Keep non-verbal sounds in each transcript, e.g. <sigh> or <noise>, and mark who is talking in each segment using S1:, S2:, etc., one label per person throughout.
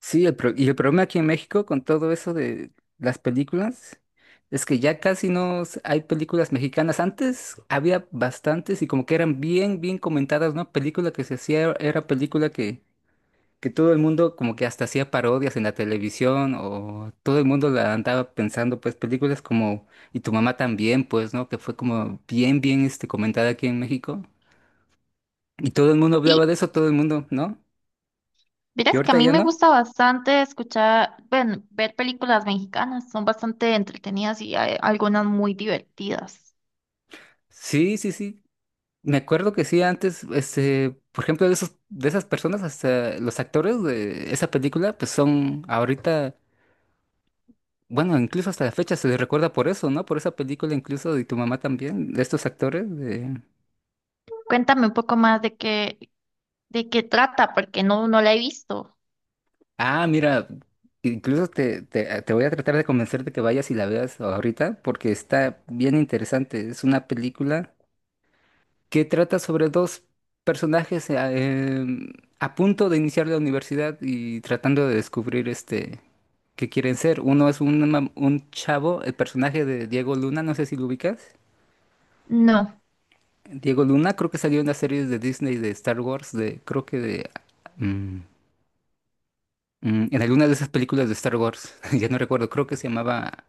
S1: Sí, y el problema aquí en México con todo eso de las películas es que ya casi no hay películas mexicanas. Antes había bastantes y como que eran bien, bien comentadas, ¿no? Película que se hacía, era película que todo el mundo como que hasta hacía parodias en la televisión o todo el mundo la andaba pensando, pues películas como Y tu mamá también, pues, ¿no? Que fue como bien, bien comentada aquí en México. Y todo el mundo hablaba
S2: Sí,
S1: de eso, todo el mundo, ¿no? Y
S2: verás que a
S1: ahorita
S2: mí
S1: ya
S2: me
S1: no.
S2: gusta bastante escuchar, bueno, ver películas mexicanas, son bastante entretenidas y hay algunas muy divertidas.
S1: Sí, sí, sí. Me acuerdo que sí, antes, por ejemplo, de esas personas, hasta los actores de esa película, pues son ahorita, bueno, incluso hasta la fecha se les recuerda por eso, ¿no? Por esa película, incluso, Y tu mamá también, de estos actores de...
S2: Cuéntame un poco más de de qué trata, porque no la he visto.
S1: Ah, mira, incluso te voy a tratar de convencer de que vayas y la veas ahorita, porque está bien interesante. Es una película que trata sobre dos personajes a punto de iniciar la universidad y tratando de descubrir que quieren ser. Uno es un chavo, el personaje de Diego Luna, no sé si lo ubicas.
S2: No,
S1: Diego Luna creo que salió en las series de Disney de Star Wars, de creo que de... mm, en alguna de esas películas de Star Wars, <laughs> ya no recuerdo, creo que se llamaba...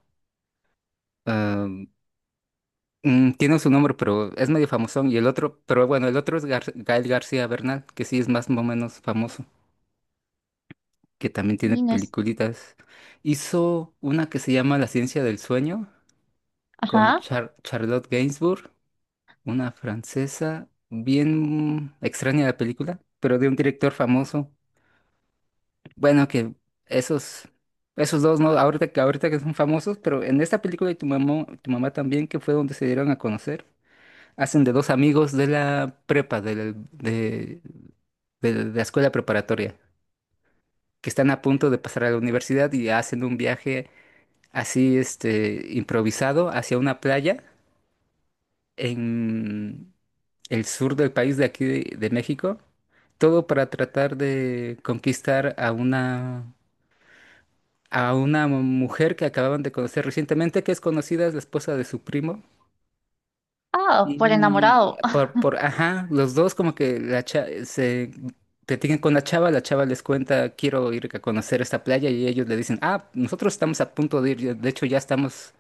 S1: ah, Tiene su nombre, pero es medio famosón. Y el otro, pero bueno, el otro es Gael García Bernal, que sí es más o menos famoso, que también tiene
S2: y no es,
S1: peliculitas. Hizo una que se llama La ciencia del sueño con
S2: ajá,
S1: Charlotte Gainsbourg. Una francesa bien extraña la película, pero de un director famoso. Bueno, que esos, dos, ¿no? Ahorita, ahorita que son famosos, pero en esta película Y tu mamá también, que fue donde se dieron a conocer, hacen de dos amigos de la prepa, de la escuela preparatoria, que están a punto de pasar a la universidad y hacen un viaje así, improvisado hacia una playa en el sur del país de aquí de México. Todo para tratar de conquistar a una, mujer que acababan de conocer recientemente, que es conocida, es la esposa de su primo.
S2: ah, por
S1: Y
S2: enamorado. <laughs>
S1: ajá, los dos como que se platican con la chava les cuenta, quiero ir a conocer esta playa y ellos le dicen, ah, nosotros estamos a punto de ir, de hecho ya estamos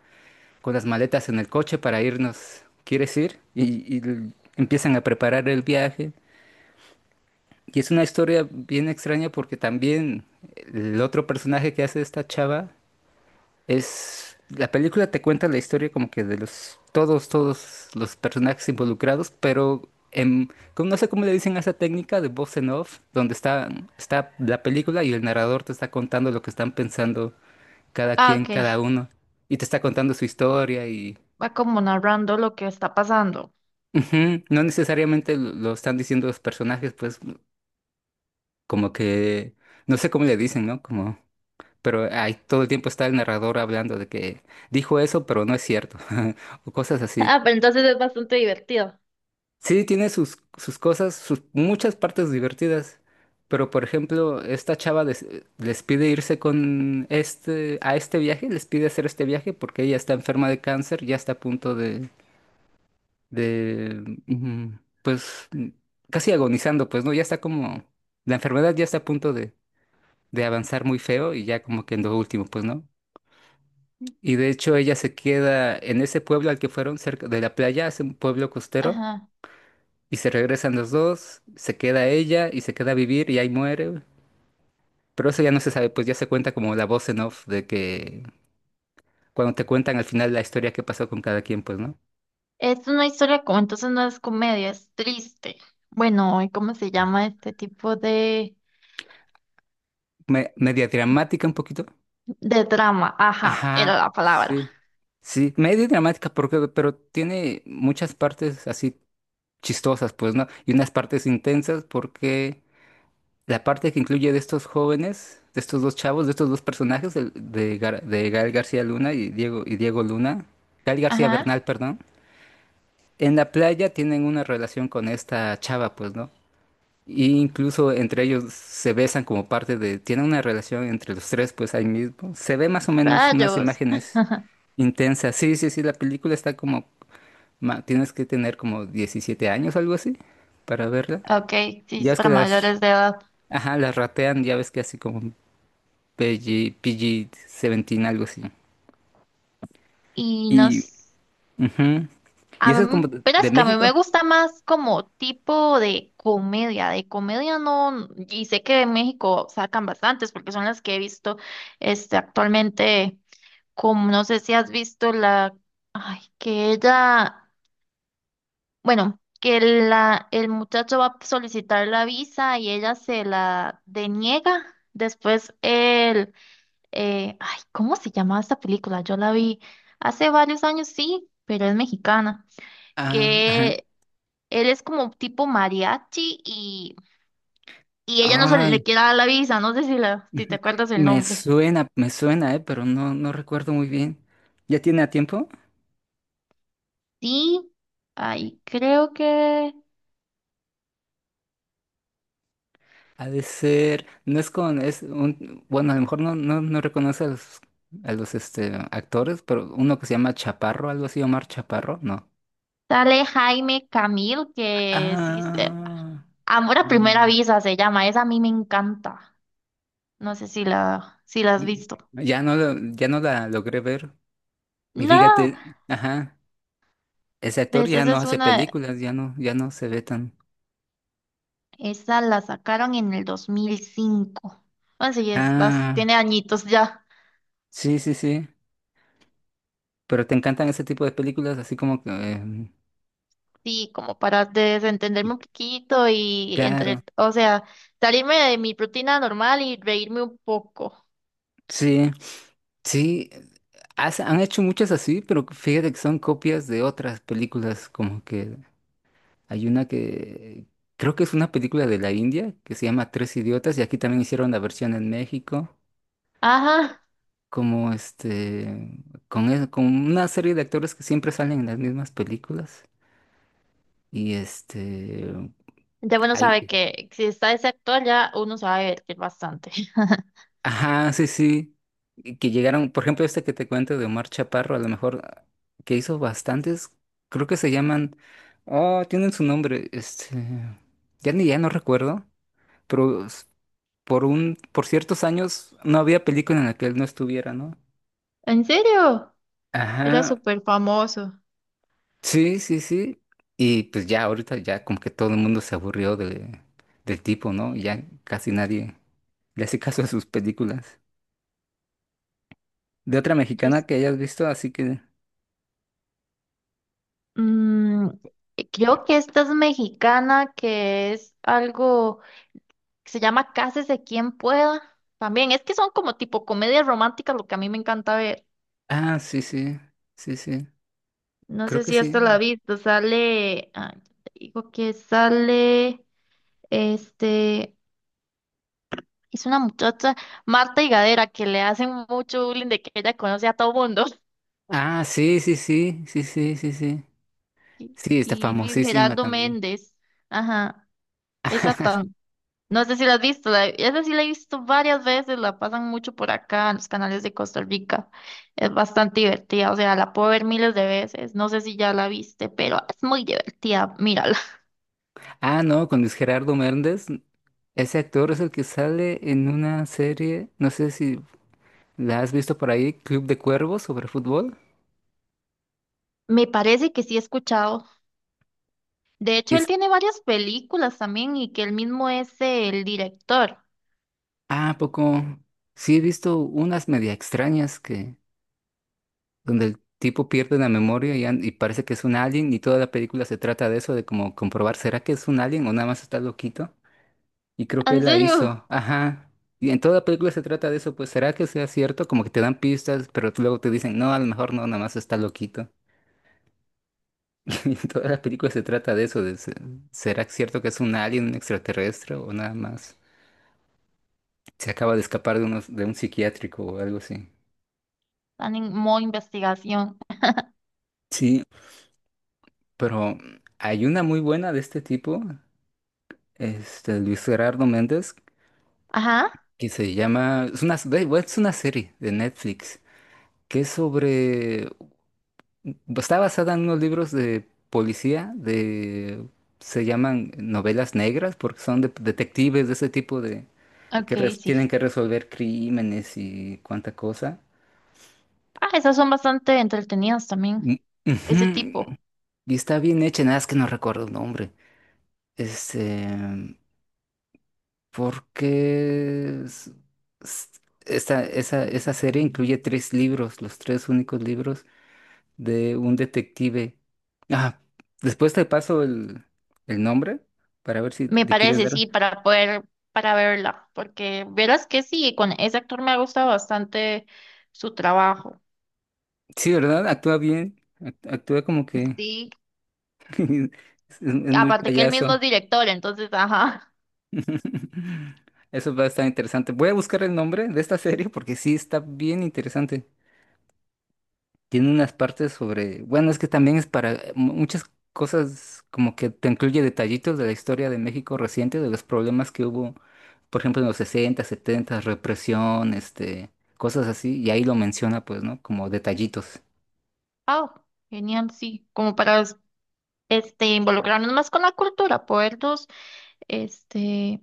S1: con las maletas en el coche para irnos, ¿quieres ir? Empiezan a preparar el viaje. Y es una historia bien extraña porque también el otro personaje que hace esta chava es... La película te cuenta la historia como que todos los personajes involucrados, pero no sé cómo le dicen a esa técnica de voz en off, donde está, la película y el narrador te está contando lo que están pensando cada
S2: Ah,
S1: quien,
S2: ok,
S1: cada uno, y te está contando su historia y...
S2: va como narrando lo que está pasando.
S1: Ujú. No necesariamente lo están diciendo los personajes, pues como que... No sé cómo le dicen, ¿no? Como... pero ahí todo el tiempo está el narrador hablando de que dijo eso, pero no es cierto, <laughs> o cosas así.
S2: Ah, pero entonces es bastante divertido.
S1: Sí, tiene sus cosas, sus muchas partes divertidas, pero por ejemplo, esta chava les pide irse con a este viaje, les pide hacer este viaje porque ella está enferma de cáncer, ya está a punto de, de, mm, pues, casi agonizando, pues, ¿no? Ya está como, la enfermedad ya está a punto de, avanzar muy feo y ya como que en lo último, pues, ¿no? Y de hecho ella se queda en ese pueblo al que fueron cerca de la playa, es un pueblo costero,
S2: Ajá,
S1: y se regresan los dos, se queda ella y se queda a vivir y ahí muere. Pero eso ya no se sabe, pues ya se cuenta como la voz en off de que cuando te cuentan al final la historia que pasó con cada quien, pues, ¿no?
S2: es una historia como, entonces no es comedia, es triste. Bueno, ¿y cómo se llama este tipo de...?
S1: Media dramática un poquito.
S2: De drama, ajá, era
S1: Ajá,
S2: la palabra.
S1: sí. Sí, medio dramática porque, pero tiene muchas partes así chistosas, pues, ¿no? Y unas partes intensas porque la parte que incluye de estos jóvenes, de estos dos chavos, de estos dos personajes, de Gael García Luna y Diego Luna, Gael García
S2: Ajá,
S1: Bernal, perdón, en la playa tienen una relación con esta chava, pues, ¿no? Y incluso entre ellos se besan como parte de, tienen una relación entre los tres, pues ahí mismo. Se ve más o menos unas
S2: rayos.
S1: imágenes
S2: <laughs>
S1: intensas. Sí, sí, sí, la película está como, tienes que tener como 17 años, algo así, para verla.
S2: Ok, sí,
S1: Ya
S2: es
S1: ves que
S2: para mayores de edad.
S1: ajá, las ratean, ya ves que así como PG, PG-17, algo así.
S2: Y
S1: Y,
S2: nos...
S1: ujú. ¿Y
S2: A
S1: eso es
S2: mí,
S1: como de
S2: pero
S1: de
S2: es que a mí me
S1: México?
S2: gusta más como tipo de comedia. De comedia no... Y sé que en México sacan bastantes porque son las que he visto actualmente. Como no sé si has visto la... Ay, que ella... Bueno, que la, el muchacho va a solicitar la visa y ella se la deniega. Después él, ay, ¿cómo se llamaba esta película? Yo la vi hace varios años, sí, pero es mexicana.
S1: Ah, ajá.
S2: Que él es como tipo mariachi y ella no se
S1: Ay,
S2: le quiere dar la visa. No sé si, la, si te
S1: ujú.
S2: acuerdas el
S1: Me
S2: nombre.
S1: suena, me suena, pero no, no recuerdo muy bien. ¿Ya tiene a tiempo?
S2: Sí, ay, creo que
S1: Ha de ser, no es con, es un, bueno, a lo mejor no, no, no reconoce a los, actores, pero uno que se llama Chaparro, algo así, Omar Chaparro, no.
S2: sale Jaime Camil, que sí,
S1: Ah,
S2: Amor a primera
S1: ah,
S2: visa se llama. Esa a mí me encanta. No sé si la, si la has visto.
S1: ya no la logré ver. Y
S2: No,
S1: fíjate, ajá, ese actor
S2: ves,
S1: ya
S2: esa
S1: no
S2: es
S1: hace
S2: una,
S1: películas, ya no se ve tan.
S2: esa la sacaron en el 2005. Bueno, sí, es,
S1: Ah,
S2: tiene añitos ya.
S1: sí, sí, sí. Pero te encantan ese tipo de películas, así como que,
S2: Sí, como para desentenderme un poquito y
S1: claro.
S2: entre, o sea, salirme de mi rutina normal y reírme un poco.
S1: Sí, sí. Han hecho muchas así, pero fíjate que son copias de otras películas, como que hay una que creo que es una película de la India que se llama Tres Idiotas y aquí también hicieron la versión en México,
S2: Ajá.
S1: como con una serie de actores que siempre salen en las mismas películas y
S2: Ya bueno
S1: hay-
S2: sabe que si está ese actor ya uno sabe que es bastante. <laughs>
S1: ajá, sí, sí. Y que llegaron, por ejemplo, este que te cuento de Omar Chaparro, a lo mejor que hizo bastantes, creo que se llaman, oh, tienen su nombre, ya no recuerdo, pero por ciertos años no había película en la que él no estuviera, ¿no?
S2: ¿En serio? Era
S1: Ajá,
S2: súper famoso.
S1: sí, sí, sí. Y pues ya ahorita ya como que todo el mundo se aburrió de, del tipo, ¿no? Y ya casi nadie le hace caso a sus películas. De otra mexicana que hayas visto, así que...
S2: Mm, creo que esta es mexicana, que es algo que se llama Cásese quien pueda. También es que son como tipo comedias románticas, lo que a mí me encanta ver.
S1: Ah, sí, sí, sí, sí.
S2: No
S1: Creo
S2: sé
S1: que
S2: si esto la
S1: sí.
S2: has visto. Sale, ah, te digo que sale, este, es una muchacha, Marta Higadera, que le hacen mucho bullying de que ella conoce a todo mundo. <laughs>
S1: Ah, sí, sí, sí, sí, sí, sí, sí.
S2: Y,
S1: Sí, está
S2: y Luis
S1: famosísima
S2: Gerardo
S1: también.
S2: Méndez. Ajá, esa.
S1: <laughs>
S2: No sé si la has visto, la, esa sí la he visto varias veces, la pasan mucho por acá en los canales de Costa Rica. Es bastante divertida, o sea, la puedo ver miles de veces. No sé si ya la viste, pero es muy divertida, mírala.
S1: Ah, no, con Luis Gerardo Méndez. Ese actor es el que sale en una serie, no sé si la has visto por ahí, Club de Cuervos, sobre fútbol.
S2: <laughs> Me parece que sí he escuchado. De
S1: Y
S2: hecho, él
S1: es,
S2: tiene varias películas también y que él mismo es el director.
S1: ¿a poco? Sí, he visto unas media extrañas que, donde el tipo pierde la memoria y, y parece que es un alien y toda la película se trata de eso, de como comprobar, ¿será que es un alien o nada más está loquito? Y creo que
S2: ¿En
S1: él la
S2: serio?
S1: hizo. Ajá. Y en toda película se trata de eso, pues ¿será que sea cierto? Como que te dan pistas, pero tú luego te dicen, no, a lo mejor no, nada más está loquito. <laughs> Y toda la película se trata de eso, de, ¿será cierto que es un alien, un extraterrestre o nada más? Se acaba de escapar de, de un psiquiátrico o algo así.
S2: Están en modo investigación.
S1: Sí, pero hay una muy buena de este tipo, este Luis Gerardo Méndez,
S2: Ajá,
S1: que se llama, es una, da igual, es una serie de Netflix que es sobre... Está basada en unos libros de policía, de se llaman novelas negras, porque son detectives de ese tipo de que
S2: ok,
S1: tienen
S2: sí.
S1: que resolver crímenes y cuánta cosa.
S2: Ah, esas son bastante entretenidas también,
S1: Mm,
S2: ese
S1: ujú.
S2: tipo.
S1: Y está bien hecha, nada es que no recuerdo el nombre. Este, porque es- esa serie incluye tres libros, los tres únicos libros de un detective. Ah, después te paso el, nombre para ver si
S2: Me
S1: le quieres
S2: parece,
S1: dar.
S2: sí, para poder, para verla, porque verás que sí, con ese actor me ha gustado bastante su trabajo.
S1: Sí, ¿verdad? Actúa bien. Actúa como que
S2: Sí,
S1: <laughs> es muy
S2: aparte que él mismo
S1: payaso.
S2: es director, entonces, ajá.
S1: <laughs> Eso va a estar interesante. Voy a buscar el nombre de esta serie porque sí está bien interesante. Tiene unas partes sobre, bueno, es que también es para muchas cosas como que te incluye detallitos de la historia de México reciente, de los problemas que hubo, por ejemplo, en los 60, 70, represión, cosas así, y ahí lo menciona, pues, ¿no? Como detallitos.
S2: Oh, genial, sí, como para involucrarnos más con la cultura, podernos este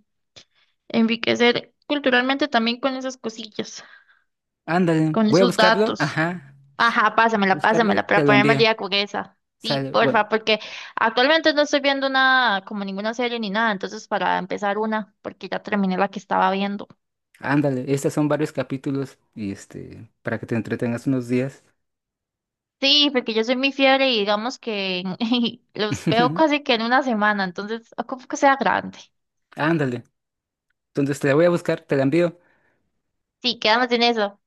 S2: enriquecer culturalmente también con esas cosillas,
S1: Ándale,
S2: con
S1: voy a
S2: esos
S1: buscarlo,
S2: datos.
S1: ajá,
S2: Ajá, pásamela,
S1: buscarlo y
S2: pásamela para
S1: te lo
S2: ponerme al
S1: envío.
S2: día con esa. Sí,
S1: Sale, bueno,
S2: porfa, porque actualmente no estoy viendo nada, como ninguna serie ni nada, entonces para empezar una, porque ya terminé la que estaba viendo.
S1: ándale, estos son varios capítulos y para que te entretengas unos días.
S2: Sí, porque yo soy muy fiebre y digamos que <laughs> los veo
S1: <laughs>
S2: casi que en una semana, entonces ocupo que sea grande.
S1: Ándale, entonces te la voy a buscar, te la envío.
S2: Sí, quedamos en eso.